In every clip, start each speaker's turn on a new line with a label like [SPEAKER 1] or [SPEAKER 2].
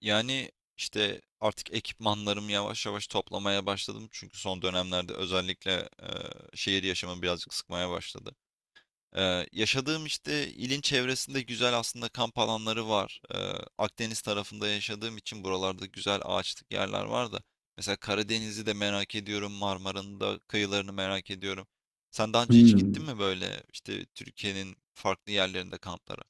[SPEAKER 1] Yani işte artık ekipmanlarımı yavaş yavaş toplamaya başladım. Çünkü son dönemlerde özellikle e, şehir yaşamı birazcık sıkmaya başladı. Yaşadığım işte ilin çevresinde güzel aslında kamp alanları var. Akdeniz tarafında yaşadığım için buralarda güzel ağaçlık yerler var da. Mesela Karadeniz'i de merak ediyorum. Marmara'nın da kıyılarını merak ediyorum. Sen daha önce hiç gittin
[SPEAKER 2] Hımm.
[SPEAKER 1] mi böyle işte Türkiye'nin farklı yerlerinde kamplara?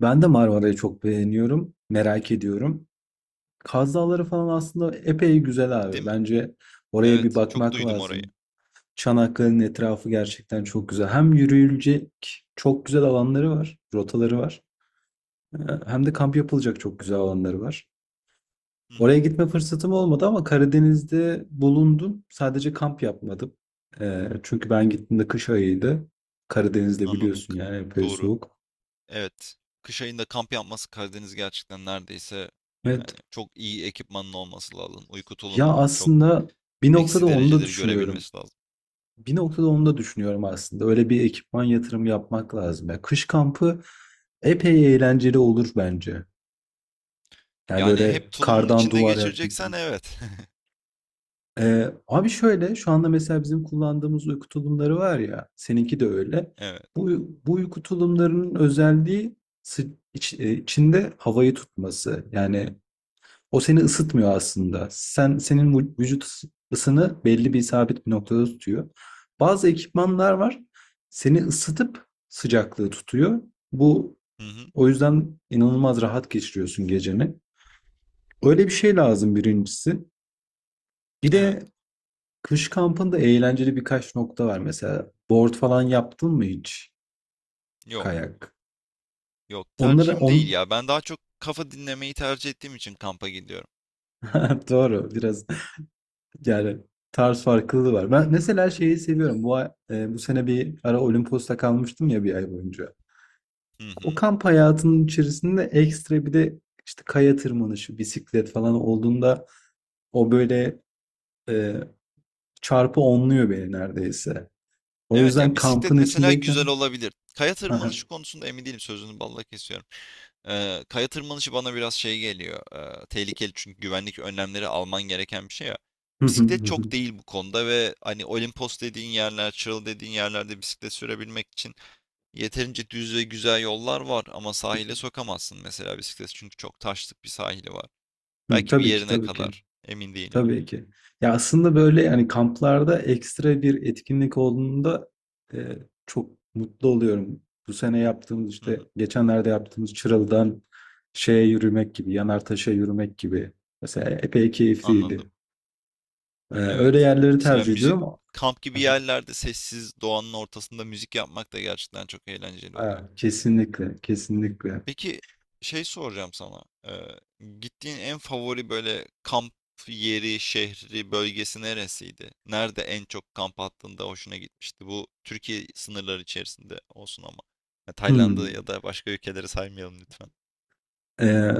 [SPEAKER 2] Ben de Marmara'yı çok beğeniyorum, merak ediyorum. Kaz Dağları falan aslında epey güzel
[SPEAKER 1] Değil
[SPEAKER 2] abi.
[SPEAKER 1] mi?
[SPEAKER 2] Bence oraya bir
[SPEAKER 1] Evet, çok
[SPEAKER 2] bakmak
[SPEAKER 1] duydum orayı.
[SPEAKER 2] lazım. Çanakkale'nin etrafı gerçekten çok güzel. Hem yürüyülecek çok güzel alanları var, rotaları var. Ee, Hem de kamp yapılacak çok güzel alanları var.
[SPEAKER 1] Hı
[SPEAKER 2] Oraya
[SPEAKER 1] hı,
[SPEAKER 2] gitme fırsatım olmadı ama Karadeniz'de bulundum. Sadece kamp yapmadım. Çünkü ben gittiğimde kış ayıydı. Karadeniz'de
[SPEAKER 1] anladım.
[SPEAKER 2] biliyorsun yani epey
[SPEAKER 1] Doğru.
[SPEAKER 2] soğuk.
[SPEAKER 1] Evet. Kış ayında kamp yapması Karadeniz gerçekten neredeyse
[SPEAKER 2] Evet.
[SPEAKER 1] yani çok iyi ekipmanın olması lazım. Uyku
[SPEAKER 2] Ya
[SPEAKER 1] tulumunun çok
[SPEAKER 2] aslında bir noktada
[SPEAKER 1] eksi
[SPEAKER 2] onu da
[SPEAKER 1] dereceleri
[SPEAKER 2] düşünüyorum.
[SPEAKER 1] görebilmesi lazım.
[SPEAKER 2] Bir noktada onu da düşünüyorum aslında. Öyle bir ekipman yatırımı yapmak lazım. Ya kış kampı epey eğlenceli olur bence. Yani
[SPEAKER 1] Yani
[SPEAKER 2] böyle
[SPEAKER 1] hep tulumun
[SPEAKER 2] kardan
[SPEAKER 1] içinde
[SPEAKER 2] duvar yaktım
[SPEAKER 1] geçireceksen
[SPEAKER 2] falan.
[SPEAKER 1] evet.
[SPEAKER 2] Abi şöyle şu anda mesela bizim kullandığımız uyku tulumları var ya, seninki de öyle.
[SPEAKER 1] Evet.
[SPEAKER 2] Bu, bu uyku tulumlarının özelliği sı- içinde havayı tutması. Yani o seni ısıtmıyor aslında. Sen senin vücut ısını belli bir sabit bir noktada tutuyor. Bazı ekipmanlar var. Seni ısıtıp sıcaklığı tutuyor. Bu
[SPEAKER 1] Hı hı.
[SPEAKER 2] o yüzden inanılmaz rahat geçiriyorsun geceni. Öyle bir şey lazım birincisi. Bir
[SPEAKER 1] Evet.
[SPEAKER 2] de kış kampında eğlenceli birkaç nokta var. Mesela board falan yaptın mı hiç?
[SPEAKER 1] Yok.
[SPEAKER 2] Kayak.
[SPEAKER 1] Yok.
[SPEAKER 2] Onları
[SPEAKER 1] Tercihim değil
[SPEAKER 2] on...
[SPEAKER 1] ya. Ben daha çok kafa dinlemeyi tercih ettiğim için kampa gidiyorum.
[SPEAKER 2] Doğru, biraz yani tarz farklılığı var. Ben mesela şeyi seviyorum. Bu bu sene bir ara Olimpos'ta kalmıştım ya bir ay boyunca.
[SPEAKER 1] Hı
[SPEAKER 2] O
[SPEAKER 1] hı.
[SPEAKER 2] kamp hayatının içerisinde ekstra bir de işte kaya tırmanışı, bisiklet falan olduğunda o böyle, e, çarpı onluyor beni neredeyse. O
[SPEAKER 1] Evet ya
[SPEAKER 2] yüzden
[SPEAKER 1] bisiklet
[SPEAKER 2] kampın
[SPEAKER 1] mesela güzel
[SPEAKER 2] içindeyken
[SPEAKER 1] olabilir. Kaya
[SPEAKER 2] hı hı.
[SPEAKER 1] tırmanışı konusunda emin değilim. Sözünü balla kesiyorum. Kaya tırmanışı bana biraz şey geliyor. Tehlikeli çünkü güvenlik önlemleri alman gereken bir şey ya.
[SPEAKER 2] Hı hı
[SPEAKER 1] Bisiklet
[SPEAKER 2] hı,
[SPEAKER 1] çok değil bu konuda ve hani Olimpos dediğin yerler, Çıralı dediğin yerlerde bisiklet sürebilmek için yeterince düz ve güzel yollar var ama sahile sokamazsın mesela bisiklet çünkü çok taşlık bir sahili var. Belki bir
[SPEAKER 2] tabii ki
[SPEAKER 1] yerine
[SPEAKER 2] tabii ki.
[SPEAKER 1] kadar emin değilim.
[SPEAKER 2] Tabii ki. Ya aslında böyle yani kamplarda ekstra bir etkinlik olduğunda, e, çok mutlu oluyorum. Bu sene yaptığımız,
[SPEAKER 1] Hı hı,
[SPEAKER 2] işte geçenlerde yaptığımız, Çıralı'dan şeye yürümek gibi, Yanartaş'a yürümek gibi. Mesela epey
[SPEAKER 1] anladım.
[SPEAKER 2] keyifliydi. E, öyle
[SPEAKER 1] Evet.
[SPEAKER 2] yerleri
[SPEAKER 1] Mesela
[SPEAKER 2] tercih
[SPEAKER 1] müzik
[SPEAKER 2] ediyorum.
[SPEAKER 1] kamp gibi yerlerde sessiz doğanın ortasında müzik yapmak da gerçekten çok eğlenceli oluyor.
[SPEAKER 2] Aa, kesinlikle, kesinlikle.
[SPEAKER 1] Peki şey soracağım sana. Gittiğin en favori böyle kamp yeri, şehri, bölgesi neresiydi? Nerede en çok kamp attığında hoşuna gitmişti? Bu Türkiye sınırları içerisinde olsun ama. Ya Tayland'ı
[SPEAKER 2] Hmm.
[SPEAKER 1] ya da başka ülkeleri saymayalım lütfen.
[SPEAKER 2] E,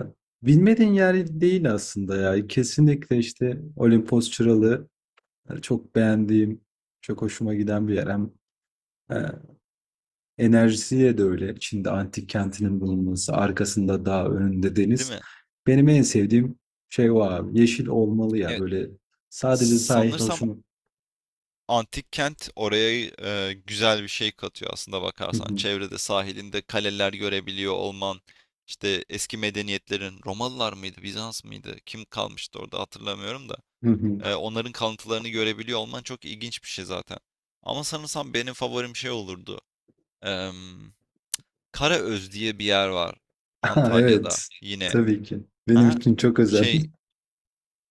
[SPEAKER 2] Bilmediğin yer değil aslında ya. Kesinlikle işte Olimpos Çıralı, çok beğendiğim, çok hoşuma giden bir yer. Hem, e, enerjisiyle de öyle. Çin'de antik kentinin bulunması, arkasında dağ, önünde
[SPEAKER 1] Değil
[SPEAKER 2] deniz.
[SPEAKER 1] mi?
[SPEAKER 2] Benim en sevdiğim şey o abi. Yeşil olmalı ya
[SPEAKER 1] Evet.
[SPEAKER 2] böyle, sadece sahil
[SPEAKER 1] Sanırsam
[SPEAKER 2] hoşuma.
[SPEAKER 1] antik kent oraya güzel bir şey katıyor aslında
[SPEAKER 2] Hı
[SPEAKER 1] bakarsan.
[SPEAKER 2] hı,
[SPEAKER 1] Çevrede sahilinde kaleler görebiliyor olman. İşte eski medeniyetlerin Romalılar mıydı, Bizans mıydı? Kim kalmıştı orada hatırlamıyorum da.
[SPEAKER 2] hı hı.
[SPEAKER 1] Onların kalıntılarını görebiliyor olman çok ilginç bir şey zaten. Ama sanırsam benim favorim şey olurdu. Em, Karaöz diye bir yer var
[SPEAKER 2] Aa,
[SPEAKER 1] Antalya'da
[SPEAKER 2] evet.
[SPEAKER 1] yine.
[SPEAKER 2] Tabii ki. Benim
[SPEAKER 1] Ha?
[SPEAKER 2] için çok özel.
[SPEAKER 1] Şey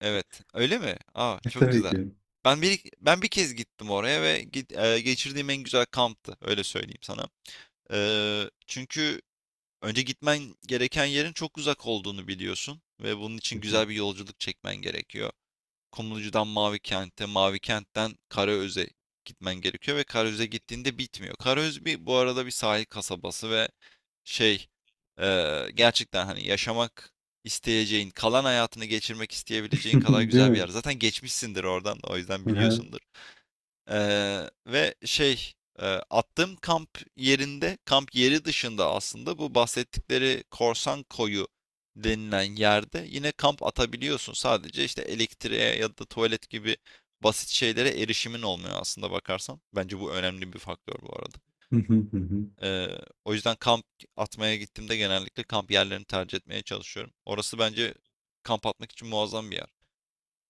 [SPEAKER 1] evet öyle mi? Aa çok
[SPEAKER 2] Tabii
[SPEAKER 1] güzel.
[SPEAKER 2] ki.
[SPEAKER 1] Ben bir kez gittim oraya ve geçirdiğim en güzel kamptı öyle söyleyeyim sana. Çünkü önce gitmen gereken yerin çok uzak olduğunu biliyorsun ve bunun
[SPEAKER 2] Hı
[SPEAKER 1] için
[SPEAKER 2] hı.
[SPEAKER 1] güzel bir yolculuk çekmen gerekiyor. Kumlucu'dan Mavi Kent'e, Mavi Kent'ten Karaöz'e gitmen gerekiyor ve Karaöz'e gittiğinde bitmiyor. Karaöz bir bu arada bir sahil kasabası ve şey gerçekten hani yaşamak isteyeceğin, kalan hayatını geçirmek isteyebileceğin kadar
[SPEAKER 2] Değil
[SPEAKER 1] güzel bir
[SPEAKER 2] mi?
[SPEAKER 1] yer. Zaten geçmişsindir oradan o yüzden
[SPEAKER 2] Hı hı,
[SPEAKER 1] biliyorsundur. Ve şey, attığım kamp yerinde, kamp yeri dışında aslında bu bahsettikleri Korsan Koyu denilen yerde yine kamp atabiliyorsun. Sadece işte elektriğe ya da tuvalet gibi basit şeylere erişimin olmuyor aslında bakarsan. Bence bu önemli bir faktör bu arada.
[SPEAKER 2] hı hı, hı hı.
[SPEAKER 1] O yüzden kamp atmaya gittiğimde genellikle kamp yerlerini tercih etmeye çalışıyorum. Orası bence kamp atmak için muazzam bir yer.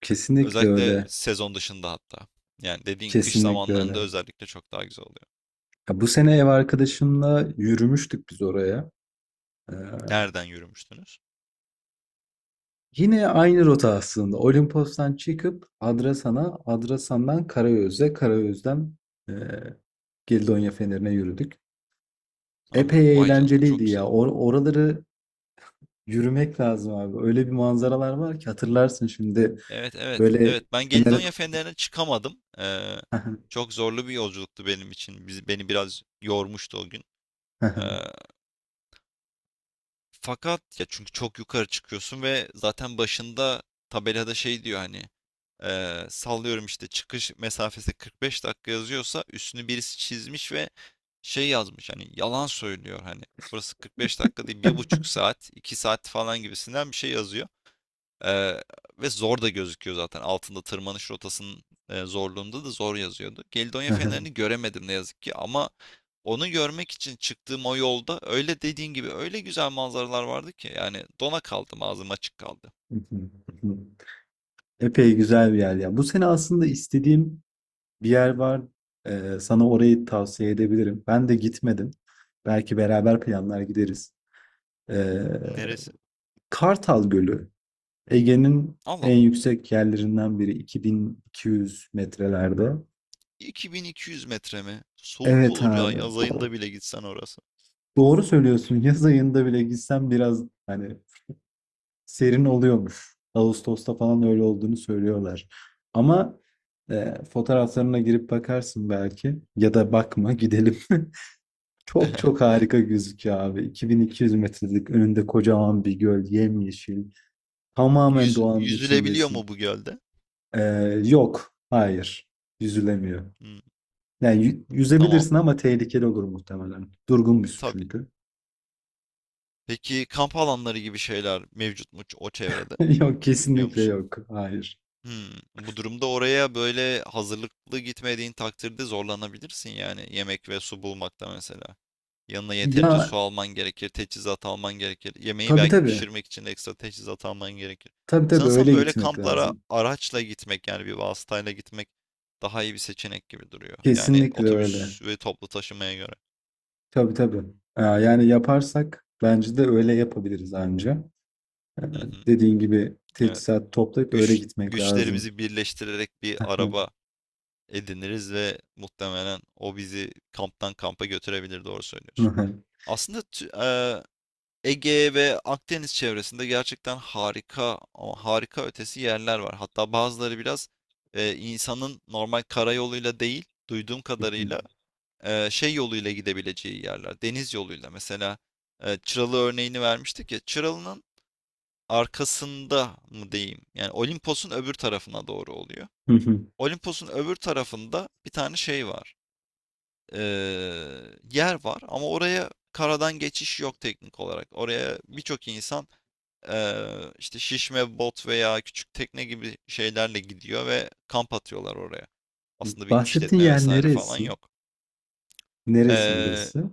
[SPEAKER 2] Kesinlikle
[SPEAKER 1] Özellikle
[SPEAKER 2] öyle.
[SPEAKER 1] sezon dışında hatta. Yani dediğin kış
[SPEAKER 2] Kesinlikle
[SPEAKER 1] zamanlarında
[SPEAKER 2] öyle.
[SPEAKER 1] özellikle çok daha güzel oluyor.
[SPEAKER 2] Ya bu sene ev arkadaşımla yürümüştük biz oraya. Ee,
[SPEAKER 1] Nereden yürümüştünüz?
[SPEAKER 2] Yine aynı rota aslında. Olimpos'tan çıkıp Adrasan'a, Adrasan'dan Karayöz'e, Karayüz'den eee Gildonya Feneri'ne yürüdük.
[SPEAKER 1] Aha,
[SPEAKER 2] Epey
[SPEAKER 1] vay canına
[SPEAKER 2] eğlenceliydi
[SPEAKER 1] çok
[SPEAKER 2] ya.
[SPEAKER 1] güzel.
[SPEAKER 2] Oraları yürümek lazım abi. Öyle bir manzaralar var ki, hatırlarsın şimdi
[SPEAKER 1] Evet evet
[SPEAKER 2] böyle
[SPEAKER 1] evet ben
[SPEAKER 2] Fener'e.
[SPEAKER 1] Gelidonya Fenleri'ne çıkamadım. Çok zorlu bir yolculuktu benim için. Beni biraz yormuştu o gün. Fakat ya çünkü çok yukarı çıkıyorsun ve zaten başında tabelada şey diyor hani sallıyorum işte çıkış mesafesi 45 dakika yazıyorsa üstünü birisi çizmiş ve şey yazmış hani yalan söylüyor hani burası 45 dakika değil bir buçuk saat 2 saat falan gibisinden bir şey yazıyor. Ee, Ve zor da gözüküyor zaten. Altında tırmanış rotasının zorluğunda da zor yazıyordu. Gelidonya fenerini göremedim ne yazık ki ama onu görmek için çıktığım o yolda öyle dediğin gibi öyle güzel manzaralar vardı ki yani dona kaldım ağzım açık kaldı.
[SPEAKER 2] Epey güzel bir yer ya. Bu sene aslında istediğim bir yer var. Sana orayı tavsiye edebilirim. Ben de gitmedim. Belki beraber planlar gideriz. Ee,
[SPEAKER 1] Neresi?
[SPEAKER 2] Kartal Gölü, Ege'nin
[SPEAKER 1] Allah
[SPEAKER 2] en
[SPEAKER 1] Allah.
[SPEAKER 2] yüksek yerlerinden biri, 2200 metrelerde.
[SPEAKER 1] 2200 metre mi? Soğuk
[SPEAKER 2] Evet
[SPEAKER 1] olur ya
[SPEAKER 2] abi.
[SPEAKER 1] yaz ayında bile gitsen orası.
[SPEAKER 2] Doğru söylüyorsun. Yaz ayında bile gitsem biraz hani serin oluyormuş. Ağustos'ta falan öyle olduğunu söylüyorlar. Ama, fotoğraflarına girip bakarsın belki ya da bakma, gidelim. Çok çok harika gözüküyor abi. 2200 metrelik önünde kocaman bir göl, yemyeşil. Tamamen doğanın
[SPEAKER 1] Yüzülebiliyor
[SPEAKER 2] içindesin.
[SPEAKER 1] mu bu gölde?
[SPEAKER 2] Yok. Hayır. Yüzülemiyor.
[SPEAKER 1] Hmm,
[SPEAKER 2] Yani
[SPEAKER 1] tamam.
[SPEAKER 2] yüzebilirsin ama tehlikeli olur muhtemelen. Durgun bir su
[SPEAKER 1] Tabii.
[SPEAKER 2] çünkü.
[SPEAKER 1] Peki kamp alanları gibi şeyler mevcut mu o çevrede?
[SPEAKER 2] Yok,
[SPEAKER 1] Biliyor
[SPEAKER 2] kesinlikle
[SPEAKER 1] musun?
[SPEAKER 2] yok. Hayır.
[SPEAKER 1] Hmm, bu durumda oraya böyle hazırlıklı gitmediğin takdirde zorlanabilirsin yani yemek ve su bulmakta mesela. Yanına yeterince
[SPEAKER 2] Ya
[SPEAKER 1] su alman gerekir, teçhizat alman gerekir. Yemeği
[SPEAKER 2] tabii
[SPEAKER 1] belki
[SPEAKER 2] tabii.
[SPEAKER 1] pişirmek için de ekstra teçhizat alman gerekir.
[SPEAKER 2] Tabii tabii,
[SPEAKER 1] Sanırsam
[SPEAKER 2] öyle
[SPEAKER 1] böyle
[SPEAKER 2] gitmek
[SPEAKER 1] kamplara
[SPEAKER 2] lazım.
[SPEAKER 1] araçla gitmek yani bir vasıtayla gitmek daha iyi bir seçenek gibi duruyor. Yani
[SPEAKER 2] Kesinlikle öyle.
[SPEAKER 1] otobüs ve toplu taşımaya göre.
[SPEAKER 2] Tabii tabii. Yani yaparsak bence de öyle yapabiliriz anca. Ee,
[SPEAKER 1] Hı hı,
[SPEAKER 2] dediğin gibi
[SPEAKER 1] evet.
[SPEAKER 2] teçhizat toplayıp öyle gitmek lazım.
[SPEAKER 1] Güçlerimizi birleştirerek bir araba ediniriz ve muhtemelen o bizi kamptan kampa götürebilir doğru söylüyorsun. Aslında e, Ege ve Akdeniz çevresinde gerçekten harika ama harika ötesi yerler var. Hatta bazıları biraz insanın normal karayoluyla değil duyduğum kadarıyla şey yoluyla gidebileceği yerler. Deniz yoluyla mesela Çıralı örneğini vermiştik ya Çıralı'nın arkasında mı diyeyim yani Olimpos'un öbür tarafına doğru oluyor. Olimpos'un öbür tarafında bir tane şey var yer var ama oraya karadan geçiş yok teknik olarak. Oraya birçok insan işte şişme bot veya küçük tekne gibi şeylerle gidiyor ve kamp atıyorlar oraya. Aslında bir
[SPEAKER 2] Bahsettiğin
[SPEAKER 1] işletme
[SPEAKER 2] yer
[SPEAKER 1] vesaire falan
[SPEAKER 2] neresi?
[SPEAKER 1] yok.
[SPEAKER 2] Neresi
[SPEAKER 1] Eee
[SPEAKER 2] burası?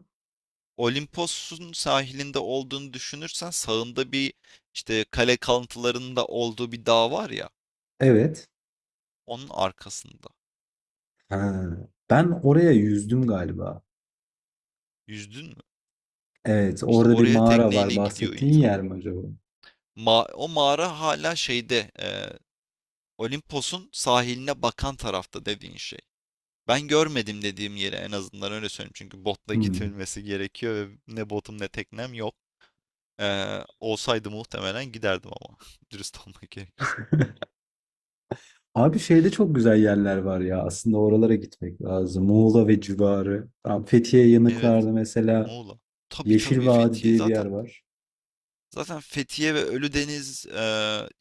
[SPEAKER 1] Olimpos'un sahilinde olduğunu düşünürsen sağında bir işte kale kalıntılarının da olduğu bir dağ var ya
[SPEAKER 2] Evet.
[SPEAKER 1] onun arkasında.
[SPEAKER 2] Ha, ben oraya yüzdüm galiba.
[SPEAKER 1] Yüzdün mü?
[SPEAKER 2] Evet,
[SPEAKER 1] İşte
[SPEAKER 2] orada bir
[SPEAKER 1] oraya
[SPEAKER 2] mağara var.
[SPEAKER 1] tekneyle gidiyor
[SPEAKER 2] Bahsettiğin
[SPEAKER 1] insan.
[SPEAKER 2] yer mi acaba?
[SPEAKER 1] O mağara hala şeyde Olimpos'un sahiline bakan tarafta dediğin şey. Ben görmedim dediğim yeri en azından öyle söyleyeyim. Çünkü botla
[SPEAKER 2] Hmm.
[SPEAKER 1] gidilmesi gerekiyor ve ne botum ne teknem yok. Olsaydı muhtemelen giderdim ama. Dürüst olmak gerekirse.
[SPEAKER 2] Abi şeyde çok güzel yerler var ya. Aslında oralara gitmek lazım. Muğla ve civarı. Tam Fethiye
[SPEAKER 1] Evet.
[SPEAKER 2] yanıklarda mesela
[SPEAKER 1] Muğla. Tabii
[SPEAKER 2] Yeşil
[SPEAKER 1] tabii
[SPEAKER 2] Vadi
[SPEAKER 1] Fethiye.
[SPEAKER 2] diye bir yer
[SPEAKER 1] Zaten
[SPEAKER 2] var.
[SPEAKER 1] zaten Fethiye ve Ölüdeniz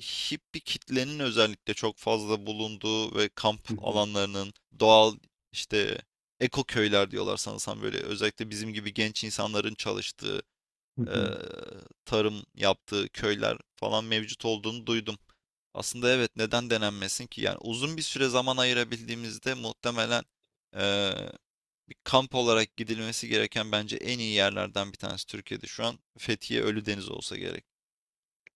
[SPEAKER 1] hippi kitlenin özellikle çok fazla bulunduğu ve kamp
[SPEAKER 2] Hı hı,
[SPEAKER 1] alanlarının doğal işte ekoköyler diyorlar sanırsam böyle özellikle bizim gibi genç insanların çalıştığı
[SPEAKER 2] hı
[SPEAKER 1] e,
[SPEAKER 2] hı.
[SPEAKER 1] tarım yaptığı köyler falan mevcut olduğunu duydum. Aslında evet neden denenmesin ki? Yani uzun bir süre zaman ayırabildiğimizde muhtemelen e, bir kamp olarak gidilmesi gereken bence en iyi yerlerden bir tanesi Türkiye'de şu an Fethiye Ölüdeniz olsa gerek.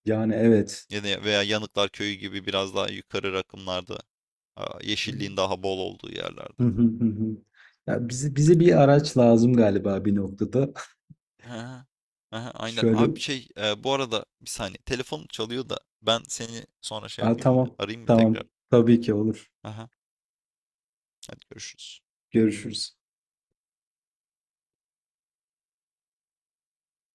[SPEAKER 2] Yani evet.
[SPEAKER 1] Veya Yanıklar Köyü gibi biraz daha yukarı rakımlarda
[SPEAKER 2] Hı
[SPEAKER 1] yeşilliğin daha bol olduğu yerlerde.
[SPEAKER 2] hı, hı hı. Ya bize, bize bir araç lazım galiba bir noktada.
[SPEAKER 1] Aha, aha, aynen.
[SPEAKER 2] Şöyle,
[SPEAKER 1] Abi şey bu arada bir saniye telefonum çalıyor da ben seni sonra şey
[SPEAKER 2] aa,
[SPEAKER 1] yapayım mı?
[SPEAKER 2] tamam,
[SPEAKER 1] Arayayım mı
[SPEAKER 2] tamam.
[SPEAKER 1] tekrar?
[SPEAKER 2] Tabii ki olur.
[SPEAKER 1] Aha. Hadi görüşürüz.
[SPEAKER 2] Görüşürüz.